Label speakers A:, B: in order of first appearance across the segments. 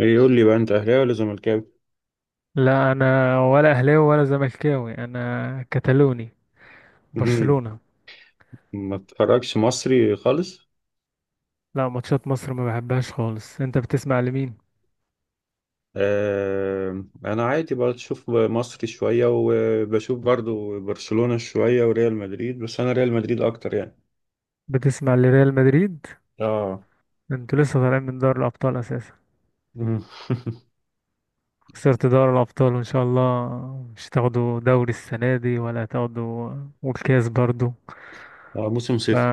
A: ايه، يقول لي بقى انت اهلاوي ولا زملكاوي؟
B: لا، انا ولا اهلاوي ولا زملكاوي، انا كتالوني.
A: مهم.
B: برشلونة.
A: ما تتفرجش مصري خالص.
B: لا، ماتشات مصر ما بحبهاش خالص. انت بتسمع لمين؟
A: آه انا عادي بشوف مصري شويه وبشوف برضو برشلونه شويه وريال مدريد، بس انا ريال مدريد اكتر يعني.
B: بتسمع لريال مدريد؟
A: اه.
B: انتوا لسه طالعين من دوري الابطال اساسا.
A: مم.
B: خسرت دوري الابطال، وان شاء الله مش تاخدوا دوري السنة دي ولا تاخدوا. والكاس برضو.
A: آه، موسم
B: ف
A: صفر.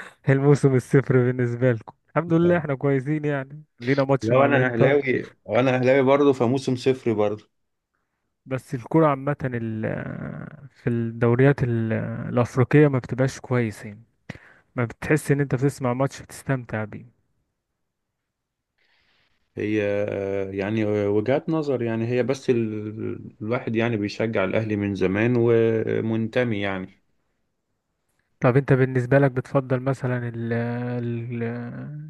B: الموسم الصفر بالنسبة لكم. الحمد لله
A: آه.
B: احنا كويسين، يعني لينا ماتش
A: لو
B: مع
A: انا
B: الانتر.
A: اهلاوي، وانا اهلاوي برضو، فموسم صفر برضو.
B: بس الكرة عامة في الدوريات الأفريقية ما بتبقاش كويسين. ما بتحس ان انت بتسمع ماتش بتستمتع بيه.
A: هي آه، يعني وجهات نظر يعني هي، بس الواحد يعني بيشجع الاهلي من زمان ومنتمي يعني.
B: طب انت بالنسبة لك بتفضل مثلا ال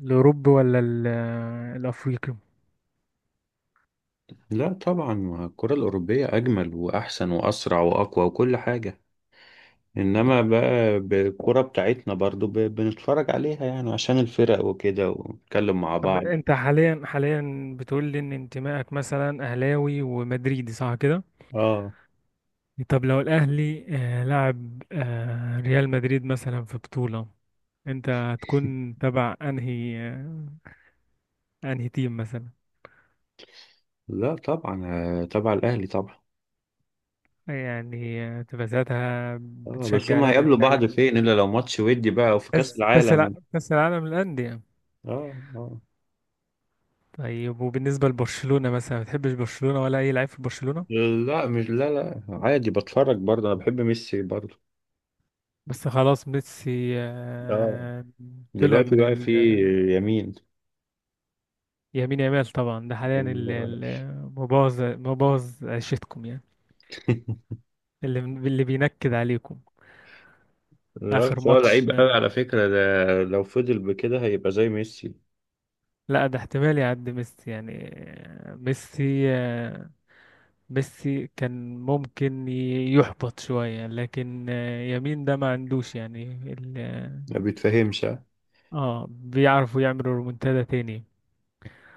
B: الاوروبي ولا ال الافريقي؟
A: لا طبعا، ما الكرة الأوروبية أجمل وأحسن وأسرع وأقوى وكل حاجة، إنما بقى بالكرة بتاعتنا برضو بنتفرج عليها يعني عشان الفرق وكده ونتكلم مع
B: طب
A: بعض.
B: انت حاليا بتقول لي ان انتمائك مثلا اهلاوي ومدريدي، صح كده؟
A: آه.
B: طب لو الاهلي لعب ريال مدريد مثلا في بطولة، انت هتكون تبع انهي انهي تيم مثلا؟
A: لا طبعا. آه، تبع الأهلي طبعا.
B: يعني تبقى ساعتها
A: آه، بس
B: بتشجع
A: هما
B: الاهلي
A: هيقابلوا
B: من
A: بعض
B: قلبك.
A: فين إلا لو ماتش ودي بقى وفي كأس
B: كاس
A: العالم.
B: كاس العالم للانديه.
A: آه آه.
B: طيب وبالنسبة لبرشلونة مثلا، ما بتحبش برشلونة ولا أي لعيب في برشلونة؟
A: لا مش لا لا، عادي بتفرج برضه، أنا بحب ميسي برضه.
B: بس خلاص ميسي
A: آه
B: طلع
A: دلوقتي
B: من
A: بقى في
B: ال
A: يمين.
B: يمين يمال. طبعا ده حاليا مبوظ عيشتكم يعني. اللي بينكد عليكم.
A: لا،
B: آخر
A: بس هو
B: ماتش
A: لعيب قوي على فكرة ده، لو فضل بكده هيبقى زي ميسي.
B: لا، ده احتمال يعدي ميسي يعني. ميسي ميسي كان ممكن يحبط شوية، لكن يمين ده ما عندوش يعني
A: ما بيتفهمش ها؟
B: اه، بيعرفوا يعملوا رومنتادا تاني.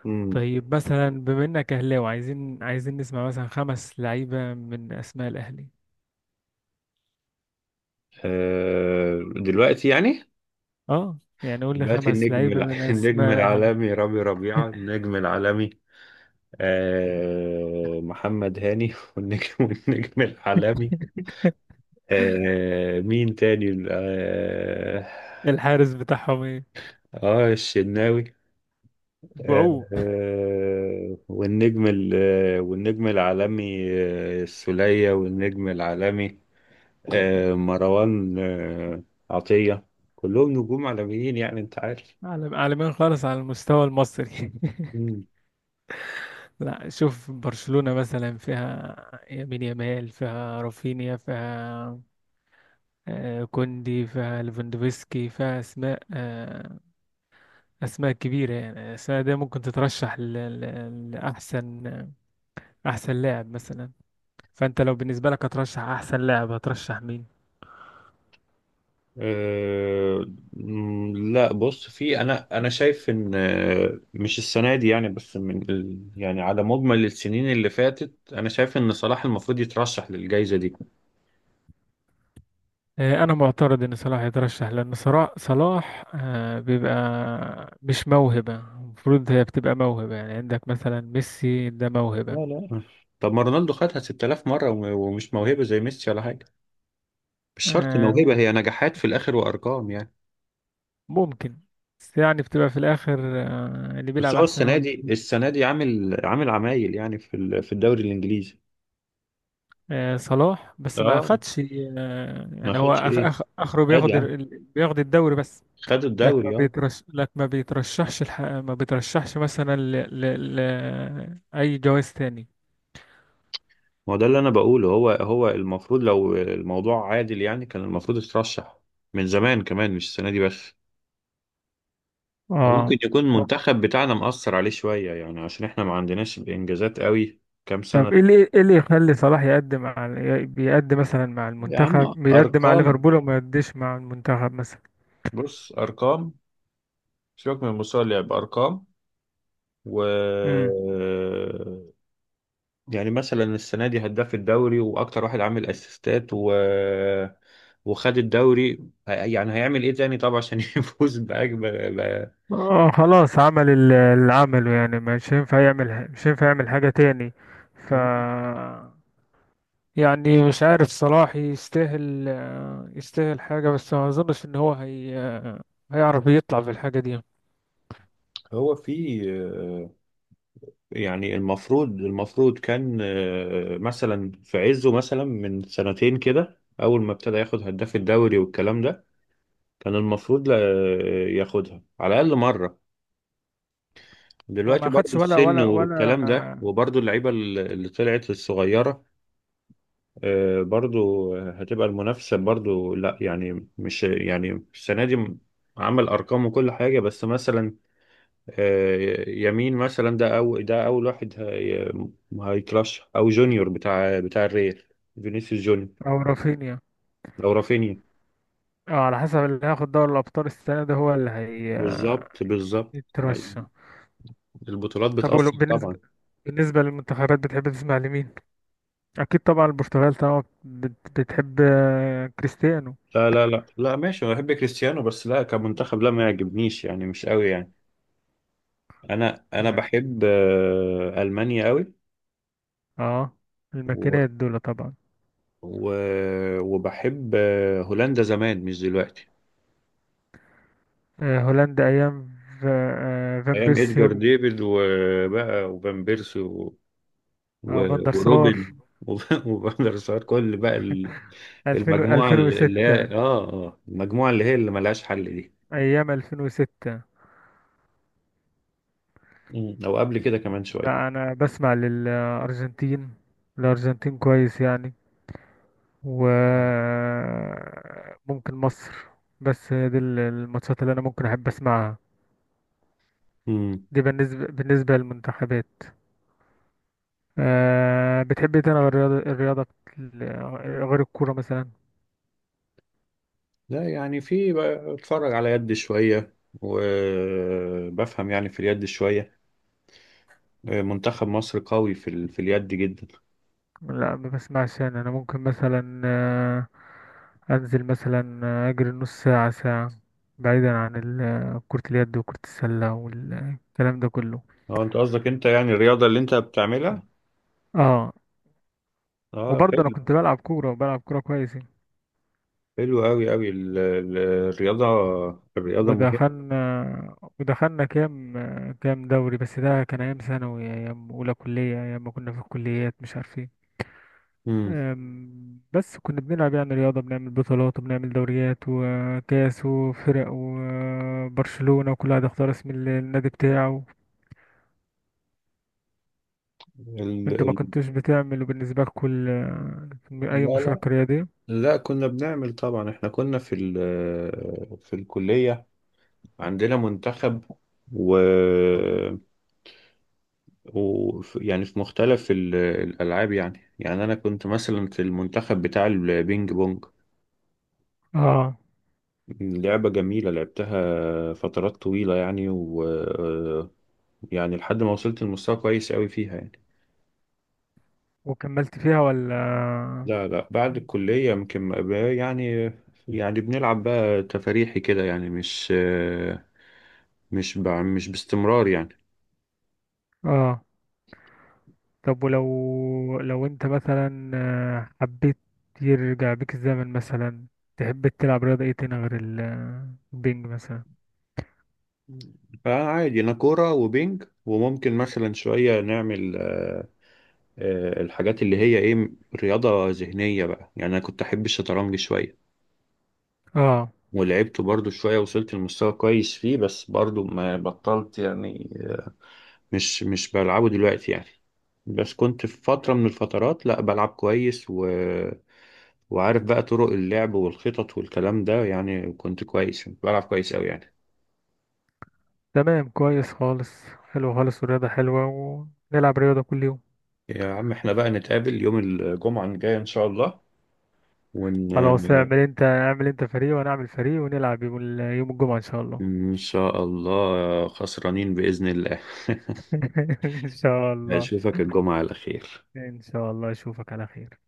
A: امم.
B: طيب مثلا بما انك اهلاوي، عايزين نسمع مثلا خمس لعيبه من اسماء الاهلي.
A: آه دلوقتي يعني.
B: اه يعني قول لي
A: دلوقتي
B: خمس
A: النجم
B: لعيبه من
A: النجم
B: اسماء الاهلي.
A: العالمي رامي ربيعة النجم العالمي، آه محمد هاني والنجم والنجم العالمي، آه مين تاني؟ اه,
B: الحارس بتاعهم ايه؟
A: آه الشناوي. آه.
B: بعوق.
A: آه، والنجم العالمي آه، السولية والنجم العالمي آه، مروان آه، عطية. كلهم نجوم عالميين يعني انت عارف.
B: عالم عالمين خالص على المستوى المصري.
A: مم.
B: لا شوف برشلونه مثلا فيها يمين يمال، فيها رافينيا، فيها كوندي، فيها ليفاندوفسكي، فيها اسماء اسماء كبيره يعني. الاسماء دي ممكن تترشح لاحسن احسن لاعب مثلا. فانت لو بالنسبه لك هترشح احسن لاعب، هترشح مين؟
A: آه، مم، لا بص في، انا شايف ان آه، مش السنه دي يعني، بس من يعني على مجمل السنين اللي فاتت انا شايف ان صلاح المفروض يترشح للجائزه دي.
B: انا معترض ان صلاح يترشح. لان صلاح صلاح بيبقى مش موهبه، المفروض هي بتبقى موهبه. يعني عندك مثلا ميسي، ده موهبه.
A: لا لا. طب ما رونالدو خدها 6000 مره ومش موهبه زي ميسي ولا حاجه. مش شرط
B: آه،
A: موهبه، هي نجاحات في الاخر وارقام يعني.
B: ممكن، بس يعني بتبقى في الاخر اللي
A: بس
B: بيلعب
A: هو
B: احسن هو
A: السنه
B: اللي
A: دي،
B: بيجيب.
A: السنه دي عامل عمايل يعني في في الدوري الانجليزي.
B: صلاح بس ما
A: اه.
B: اخدش
A: ما
B: يعني هو
A: خدش
B: أخ
A: ايه؟
B: أخ اخره
A: خد
B: بياخد
A: يا عم،
B: بياخد الدوري بس.
A: خد
B: لك ما
A: الدوري اه.
B: بيترش، لك ما بيترشحش ما بيترشحش مثلا أي جواز تاني.
A: ما هو ده اللي انا بقوله، هو المفروض، لو الموضوع عادل يعني كان المفروض يترشح من زمان كمان، مش السنه دي بس. أو ممكن
B: اه.
A: يكون المنتخب بتاعنا مأثر عليه شويه، يعني عشان احنا ما عندناش انجازات قوي كام سنه.
B: طب ايه اللي، ايه اللي يخلي صلاح يقدم على بيقدم مثلا مع
A: يا عم
B: المنتخب، بيقدم على
A: ارقام،
B: ليفربول وما يقدمش مع المنتخب مثلا؟
A: بص ارقام، سيبك من مستوى اللعب، ارقام. و...
B: امم.
A: يعني مثلا السنة دي هداف الدوري وأكتر واحد عامل أسيستات و... وخد الدوري، يعني هيعمل إيه تاني طبعا عشان يفوز بأكبر.
B: اه خلاص، عمل اللي عمله، يعني مش هينفع يعمل مش هينفع يعمل حاجة تاني. ف
A: ب...
B: يعني مش عارف صلاح يستاهل يستاهل حاجة، بس ما اظنش ان هو هيعرف يطلع بالحاجة دي.
A: هو في آه، يعني المفروض المفروض كان آه، مثلا في عزه مثلا من سنتين كده أول ما ابتدى ياخد هداف الدوري والكلام ده، كان المفروض ياخدها على الأقل مرة.
B: هو
A: دلوقتي
B: ما
A: برضو
B: خدش، ولا
A: السن
B: ولا
A: والكلام ده،
B: ولا.
A: وبرضو اللعيبة اللي طلعت الصغيرة آه، برضو هتبقى المنافسة برضو لا، يعني مش يعني السنة دي عمل أرقام وكل حاجة، بس مثلا آه، يمين مثلا ده، أو ده أول واحد هيترشح، أو جونيور بتاع الريال، فينيسيوس جونيور،
B: او رافينيا.
A: أو رافينيا.
B: اه، على حسب اللي هياخد دوري الابطال السنه ده هو اللي
A: بالظبط بالظبط.
B: هيترشح.
A: أيوة. البطولات
B: طب
A: بتأثر
B: بالنسبه
A: طبعا.
B: بالنسبه للمنتخبات بتحب تسمع لمين؟ اكيد طبعا البرتغال طبعا بتحب كريستيانو.
A: لا لا لا لا ماشي، أنا بحب كريستيانو بس لا كمنتخب، لا ما يعجبنيش يعني مش قوي يعني. أنا بحب آه، ألمانيا قوي
B: اه الماكينات دول طبعا.
A: و... وبحب هولندا زمان مش دلوقتي.
B: هولندا ايام فان
A: ايام
B: بيرسي
A: ادجار ديفيد وبقى وفان بيرسي و... و...
B: فان دير سار.
A: وروبن وفان der سار، كل بقى
B: 2000،
A: المجموعه اللي هي
B: 2006.
A: المجموعه اللي هي اللي ملهاش حل دي.
B: ايام 2006.
A: او قبل كده كمان شويه.
B: لا انا بسمع للارجنتين، الارجنتين كويس يعني. وممكن مصر. بس هي دي الماتشات اللي انا ممكن احب اسمعها.
A: امم.
B: دي بالنسبة، بالنسبة للمنتخبات. أه بتحب ايه تاني غير الرياضة، الرياضة غير الكورة مثلا؟
A: لا يعني في بقى اتفرج على يد شويه، وبفهم يعني في اليد شويه. آه، منتخب مصر قوي في في اليد جدا.
B: لا ما بسمعش. انا انا ممكن مثلا انزل مثلا اجري نص ساعة ساعة، بعيدا عن كرة اليد وكرة السلة والكلام ده كله.
A: اه انت قصدك انت يعني الرياضه اللي انت بتعملها.
B: اه،
A: اه
B: وبرضه انا
A: حلو.
B: كنت بلعب كورة، وبلعب كورة كويس يعني.
A: حلو قوي قوي الرياضه، الرياضه مهمه.
B: ودخلنا كام كام دوري، بس ده كان أيام ثانوي، أيام أولى كلية، أيام ما كنا في الكليات، مش عارفين.
A: امم.
B: أم، بس كنا بنلعب يعني رياضة، بنعمل بطولات وبنعمل دوريات وكاس وفرق وبرشلونة، وكل واحد اختار اسم النادي بتاعه.
A: ال...
B: انتوا ما
A: ال...
B: كنتوش بتعملوا بالنسبة لكم أي
A: لا لا.
B: مشاركة رياضية؟
A: لا كنا بنعمل طبعا، احنا كنا في في الكليه، عندنا منتخب و, و... يعني في مختلف الالعاب يعني. يعني انا كنت مثلا في المنتخب بتاع البينج بونج،
B: اه.
A: لعبة جميلة لعبتها فترات طويلة يعني، و... يعني لحد ما وصلت لمستوى كويس قوي فيها يعني.
B: وكملت فيها ولا؟
A: لا لا، بعد الكلية يمكن ما بقى- يعني يعني بنلعب بقى تفاريحي كده يعني، مش مش باستمرار يعني.
B: اه. طب ولو لو انت مثلا حبيت يرجع بيك الزمن مثلا، تحب تلعب رياضة ايه تاني غير البينج مثلا؟
A: فعادي انا كورة وبينج، وممكن مثلا شوية نعمل آه، آه، الحاجات اللي هي ايه، رياضة ذهنية بقى يعني. انا كنت احب الشطرنج شوية
B: اه.
A: ولعبته برضو شوية، وصلت لمستوى كويس فيه، بس برضو ما بطلت يعني، مش بلعبه دلوقتي يعني. بس كنت في فترة من
B: مم.
A: الفترات لا بلعب كويس و... وعارف بقى طرق اللعب والخطط والكلام ده، يعني كنت كويس، كنت بلعب كويس قوي يعني.
B: تمام، كويس خالص، حلو خالص، والرياضة حلوة، ونلعب رياضة كل يوم.
A: يا عم احنا بقى نتقابل يوم الجمعة الجاية ان شاء الله ون...
B: خلاص، اعمل انت، اعمل انت فريق وانا اعمل فريق، ونلعب يوم يوم الجمعة ان شاء الله.
A: ان شاء الله خسرانين بإذن الله.
B: ان شاء الله.
A: اشوفك الجمعة على خير.
B: ان شاء الله اشوفك على خير.